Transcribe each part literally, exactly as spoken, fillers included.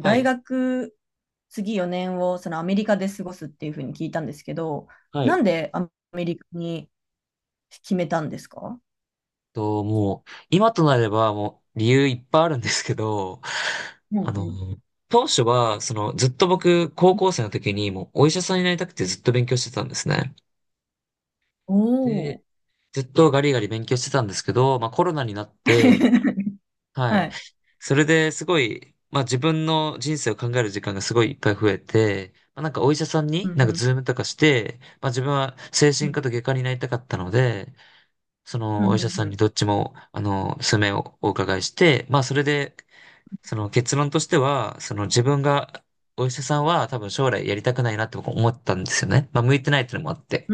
はい。はい。と、もう、今となれば、もう、理由いっぱいあるんですけど、あの、当初は、その、ずっと僕、高校生の時に、もう、お医者さんになりたくてずっと勉強してたんですね。で、ずっとガリガリ勉強してたんですけど、まあ、コロナになって、はい。それですごい、まあ、自分の人生を考える時間がすごいいっぱい増えて、まあ、なんかお医者さんになんかズームとかして、まあ、自分は精神科と外科になりたかったので、そのお医者さんにどっちも、あの、数名をお伺いして、まあそれで、その結論としては、その自分が、お医者さんは多分将来やりたくないなって僕思ったんですよね。まあ向いてないっていうのもあって。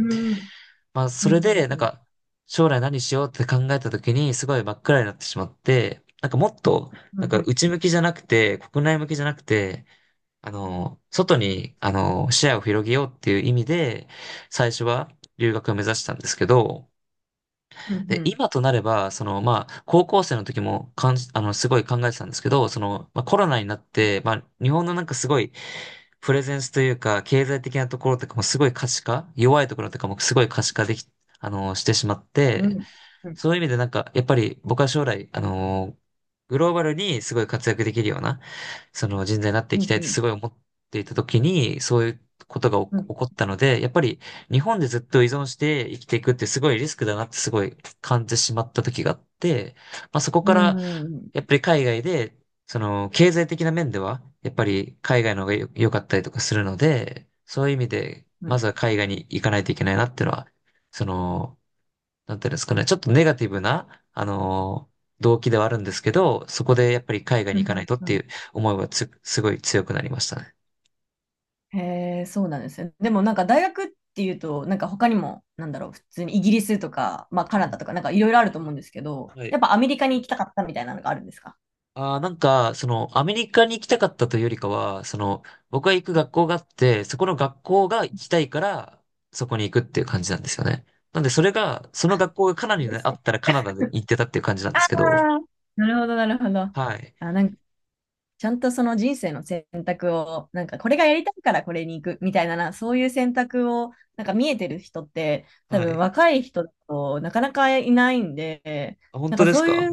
まあそれで、なんか、将来何しようって考えた時にすごい真っ暗になってしまって、なんかもっと、なんか内向きじゃなくて、国内向きじゃなくて、あの、外に、あの、視野を広げようっていう意味で、最初は留学を目指したんですけど、で、今となれば、その、まあ、高校生の時もかん、あの、すごい考えてたんですけど、その、まあ、コロナになって、まあ、日本のなんかすごい、プレゼンスというか、経済的なところとかもすごい可視化、弱いところとかもすごい可視化でき、あの、してしまって、そういう意味でなんか、やっぱり僕は将来、あのーグローバルにすごい活躍できるような、その人材になっていきたいってすごい思っていた時に、そういうことが起こ起こったので、やっぱり日本でずっと依存して生きていくってすごいリスクだなってすごい感じてしまった時があって、まあそこから、やっぱり海外で、その経済的な面では、やっぱり海外の方がよ良かったりとかするので、そういう意味で、まずは海外に行かないといけないなっていうのは、その、なんていうんですかね、ちょっとネガティブな、あのー動機ではあるんですけど、そこでやっぱり海外に行かないとっていう思いはつ、すごい強くなりましたね。へえ、そうなんですね。でもなんか大学っていうと、なんか他にも、なんだろう、普通にイギリスとか、まあカうナん。ダとか、なんかいろいろあると思うんですけど、はやい。っぱアメリカに行きたかったみたいなのがあるんですか？ああ、なんか、その、アメリカに行きたかったというよりかは、その、僕が行く学校があって、そこの学校が行きたいから、そこに行くっていう感じなんですよね。なんで、それが、そあ、の学校がカナダそにうであすね。ったらカナダで行ってたっていう感じなんであすけど、ー、なるほど、なるほど。はい。あ、なんかちゃんとその人生の選択を、なんかこれがやりたいからこれに行くみたいなな、そういう選択を、なんか見えてる人って、多は分い。若い人だとなかなかいないんで、あ、本なん当かですそうか？いう、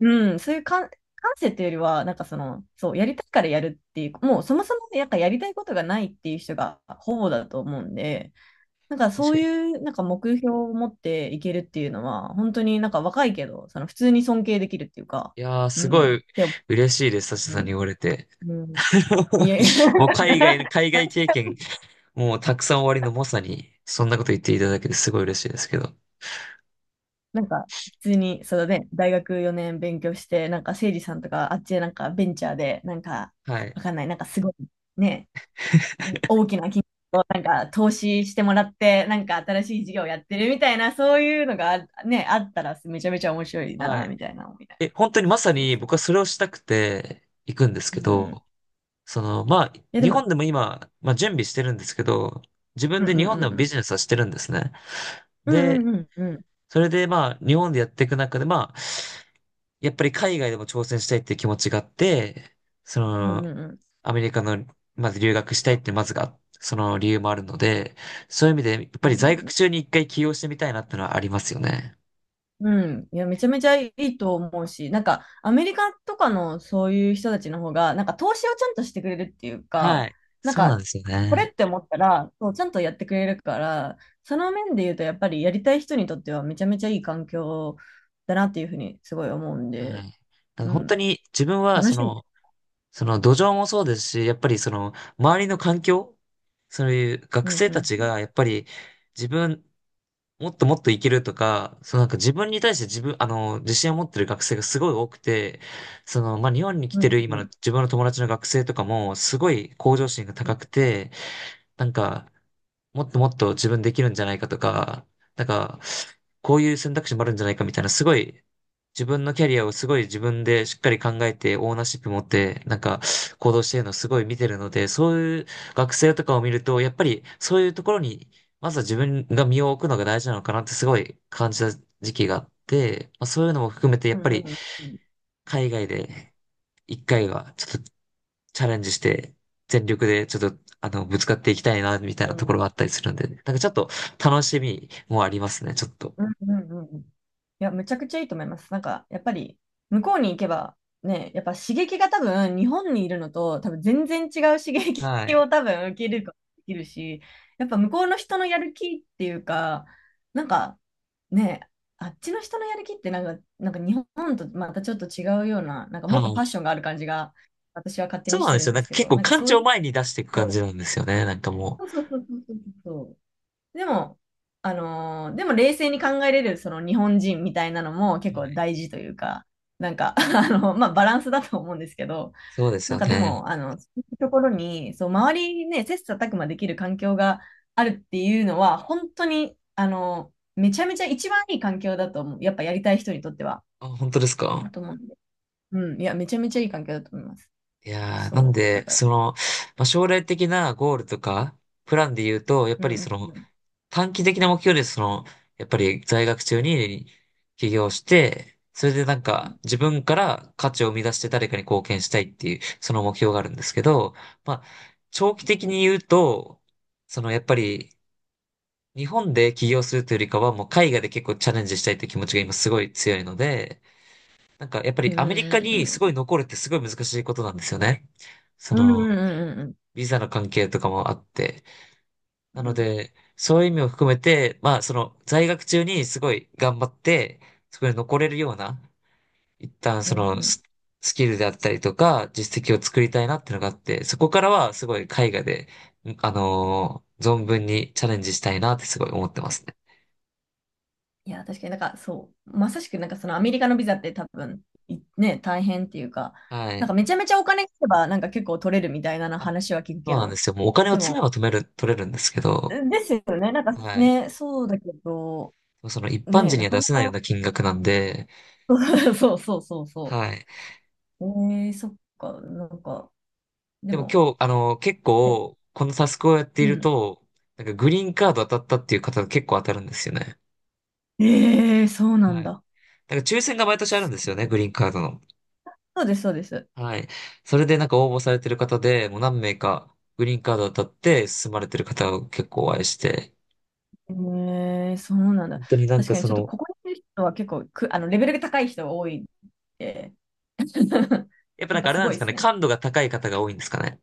うん、そういう感、感性っていうよりは、なんかその、そう、やりたいからやるっていう、もうそもそもね、なんかやりたいことがないっていう人がほぼだと思うんで、なんか確そうかいに。う、なんか目標を持っていけるっていうのは、本当になんか若いけど、その普通に尊敬できるっていうか、いやー、うすん、ごっいて思嬉しいです、サシう。さんにう言われて。ん、うん、いや、もう海外の、海 外経験、もうたくさん終わりのまさに、そんなこと言っていただけてすごい嬉しいですけど。なんか普通に、そうだね、大学よねん勉強して、なんかせいじさんとか、あっちでなんかベンチャーで、なんか、はい。わかんない、なんかすごい、ね、大きな金額をなんか投資してもらって、なんか新しい事業やってるみたいな、そういうのがあね、あったらめちゃめちゃ面白いはな、い。みたいな思いながら。え、本当にまさそうにそ僕はそれをしたくて行くんですう。けうん。いど、その、まあ、や、で日も。本でも今、まあ準備してるんですけど、自分うんうでんう日本でんもうビん。ジネスはしてるんですね。うで、んうんうんうん。それでまあ、日本でやっていく中で、まあ、やっぱり海外でも挑戦したいっていう気持ちがあって、そうんの、うんうん。アメリカの、まず留学したいってまずが、その理由もあるので、そういう意味で、やっうぱんり在うんう学ん中に一回起業してみたいなってのはありますよね。うん。いや、めちゃめちゃいいと思うし、なんか、アメリカとかのそういう人たちの方が、なんか、投資をちゃんとしてくれるっていうはか、い。なんそうなんか、ですよこれね。って思ったら、そう、ちゃんとやってくれるから、その面で言うと、やっぱりやりたい人にとってはめちゃめちゃいい環境だなっていうふうにすごい思うんはで。い。だからう本当ん。に自分は、楽そしみでの、す。その土壌もそうですし、やっぱりその、周りの環境、そういうう学ん、生うたちん、が、やっぱり自分もっともっといけるとか、そのなんか自分に対して自分、あの、自信を持ってる学生がすごい多くて、その、まあ、日本に来うてん、るう今のん、自分の友達の学生とかも、すごい向上心がうん、高くて、なんか、もっともっと自分できるんじゃないかとか、なんか、こういう選択肢もあるんじゃないかみたいな、すごい、自分のキャリアをすごい自分でしっかり考えて、オーナーシップ持って、なんか、行動してるのをすごい見てるので、そういう学生とかを見ると、やっぱりそういうところに、まずは自分が身を置くのが大事なのかなってすごい感じた時期があって、まあ、そういうのも含めて、やっうぱりん、うん、海外で一回はちょっとチャレンジして、全力でちょっと、あの、ぶつかっていきたいな、みたいうなとん、ころがあったりするんで、なんかちょっと楽しみもありますね、ちょっと。うんうんうんうん。いや、むちゃくちゃいいと思います。なんか、やっぱり、向こうに行けば、ね、やっぱ刺激が多分、日本にいるのと、多分全然違う刺激はい。を多分受けることができるし、やっぱ向こうの人のやる気っていうか、なんか、ね、あっちの人のやる気ってなんか、なんか日本とまたちょっと違うような、なんかはもっとパッい。ションがある感じが、私は勝手そにうしなんてでるすんよ。でなんすかけ結ど、構なんか感そう情いをう、前に出していく感そじなんですよね、なんかもうそうそうそうそうそう。でもあのでも冷静に考えれるその日本人みたいなのも結う。は構い、大事というか、なんか、あの、まあバランスだと思うんですけど、そうですなんよかでね。も、あの、ところにそう、周りね接さたくまできる環境があるっていうのは、本当にあのめちゃめちゃ一番いい環境だと思う。やっぱやりたい人にとってはあ、本当ですだか？と思うんで、うん、いや、めちゃめちゃいい環境だと思います。いやー、なんそうだで、かそら、の、まあ、将来的なゴールとか、プランで言うと、やっうぱりん、その、うん、短期的な目標です。その、やっぱり在学中に起業して、それでなんうかん、自分から価値を生み出して誰かに貢献したいっていう、その目標があるんですけど、まあ、長期的に言うと、そのやっぱり日本で起業するというよりかはもう海外で結構チャレンジしたいという気持ちが今すごい強いので、なんかやっぱうりアメリカにすごいん、残るってすごい難しいことなんですよね。そうん、の、うん、うん、ビザの関係とかもあって。うなん、うのん、うん、で、そういう意味を含めて、まあ、その、在学中にすごい頑張って、そこに残れるような、一旦うそん、うん、のうん。ス、スキルであったりとか、実績を作りたいなっていうのがあって、そこからはすごい絵画で、んあのー存分にチャレンジしたいなってすごい思ってますね。いや、確かになんかそう、まさしくなんかそのアメリカのビザって多分いね、大変っていうか、はなんかい。めちゃめちゃお金があればなんか結構取れるみたいなのあ、話は聞くそけうなんでど、すよ。もうお金をで積めも、ば止める、取れるんですけど、ですよね、なんかはい。ね、そうだけど、その一般ね、人になはか出なせないようか、な金額なんで、そうそうそうそはい。う。えー、そっか、なんか、ででもも、今日、あの、結え構、このタスクをやっていうるん。と、なんかグリーンカード当たったっていう方が結構当たるんですよね。えー、そうなんはい。だ。なんか抽選が毎年あるんですよね、グリーンカードの。そうです、そうです。はい。それでなんか応募されてる方で、もう何名かグリーンカード当たって進まれてる方を結構お会いして、えー、そうなんだ。本当になん確かかにそちょっとの、ここにいる人は結構く、あの、レベルが高い人が多いって。 やっぱやなんっぱかあれすなんでごいすでかね、すね。感度が高い方が多いんですかね。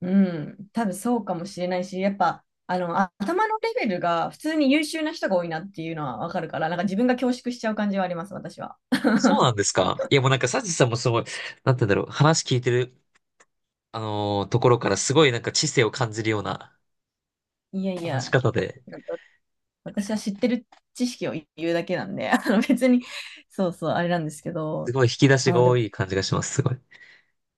うん。多分そうかもしれないし、やっぱ、あの、あ頭のレベルが普通に優秀な人が多いなっていうのはわかるから、なんか自分が恐縮しちゃう感じはあります、私は。そうな んですか？いやもうなんかサチさんもすごい、なんて言うんだろう、話聞いてる、あのーところからすごいなんか知性を感じるようないやい話しや、方で。なんか私は知ってる知識を言うだけなんで、あの別に、そうそう、あれなんですけすど、ごい引き出しがあ、で多もい感じがします、すごい。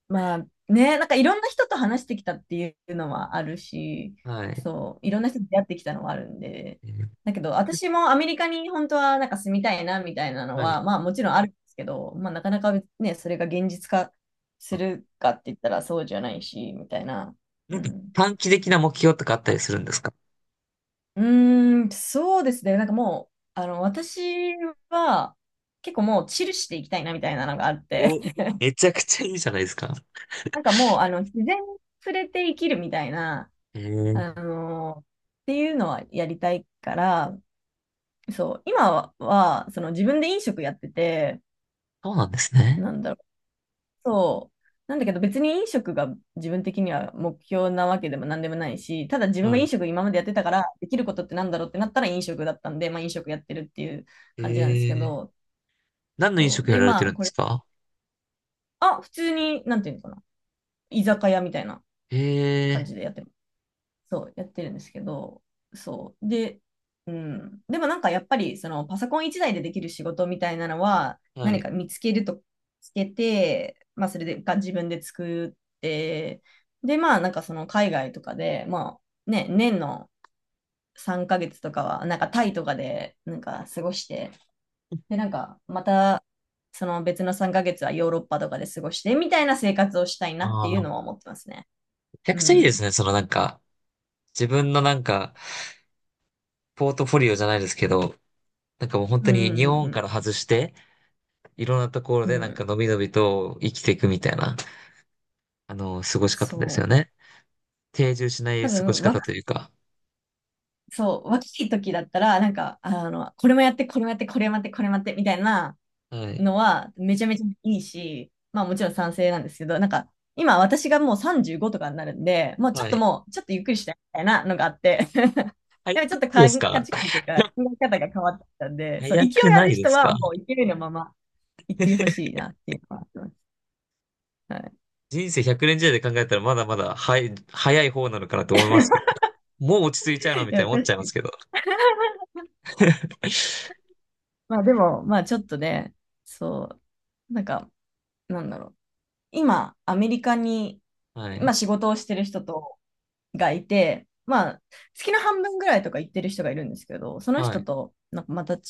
まあね、なんかいろんな人と話してきたっていうのはあるし、はい。そう、いろんな人と出会ってきたのはあるんで、えー。だけど私もアメリカに本当はなんか住みたいなみたいなのはは、い。まあもちろんあるんですけど、まあなかなかね、それが現実化すあ、るかって言ったらそうじゃないし、みたいな。なうんかん、短期的な目標とかあったりするんですか？うーん、そうですね、なんかもう、あの、私は結構もうチルしていきたいなみたいなのがあって、お、めちゃくちゃいいじゃないですか。なんかもう、あの自然に触れて生きるみたいな、えー、あのっていうのはやりたいから、そう、今は、はその自分で飲食やってて、そうなんですね。なんだろう、そう、なんだけど別に飲食が自分的には目標なわけでも何でもないし、ただ自分がは飲い。食今までやってたから、できることってなんだろうってなったら飲食だったんで、まあ飲食やってるっていうえ感じなんですけー、ど、何の飲そう、食やで、られてまあるんでこすれ、か？あ、普通に、なんていうのかな、居酒屋みたいな感えじでやってる。そう、やってるんですけど、そう。で、うん。でもなんかやっぱり、そのパソコン一台でできる仕事みたいなのは、ー、は何い。か見つけると、つけて、まあそれでが自分で作って、で、まあなんかその海外とかで、まあね、年のさんかげつとかは、なんかタイとかで、なんか過ごして、で、なんかまた、その別のさんかげつはヨーロッパとかで過ごして、みたいな生活をしたいなってあいうあ、めのは思ってますね。ちゃうくちゃいいですん。ね。そのなんか、自分のなんか、ポートフォリオじゃないですけど、なんかもう本うん当うに日んう本からん外して、いろんなところうん。うでなんかん。のびのびと生きていくみたいな、あの、過ごし方ですよそう。ね。定住しな多い過ごし分若、方というか。そう、若い時だったら、なんか、あの、これもやって、これもやって、これもやって、これもやって、みたいなはい。のは、めちゃめちゃいいし、まあもちろん賛成なんですけど、なんか、今私がもうさんじゅうごとかになるんで、もうちょっはとい。もう、ちょっとゆっくりしたいみたいなのがあって、早でもくちょっとないで価すか？ 値観というか、考 え方が変わってきたんで、そう、勢早いくあないるで人すはか？もう勢いのまま行ってほしいなっていうのはあります。は人生ひゃくねん時代で考えたらまだまだ、はい、早い方なのかなと思いますけどね。もう落ち着いちゃうい。のいみたいにや、思っ確ちかゃいますに。けど。まあでも、まあちょっとね、そう、なんか、なんだろう。今、アメリカに、はまあ、い。仕事をしてる人とがいて、まあ、月の半分ぐらいとか行ってる人がいるんですけど、そのは人い。となんかまた違う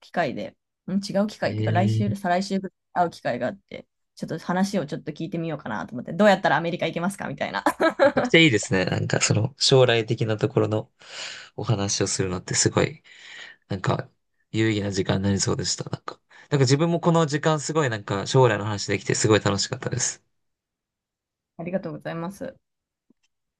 機会で、ん違う機え会っていうか、来ー、週、再来週ぐらい会う機会があって、ちょっと話をちょっと聞いてみようかなと思って、どうやったらアメリカ行けますかみたいな。めちゃくちゃいいですね。なんかその将来的なところのお話をするのってすごい、なんか有意義な時間になりそうでした。なんか、なんか自分もこの時間すごいなんか将来の話できてすごい楽しかったです。ありがとうございます。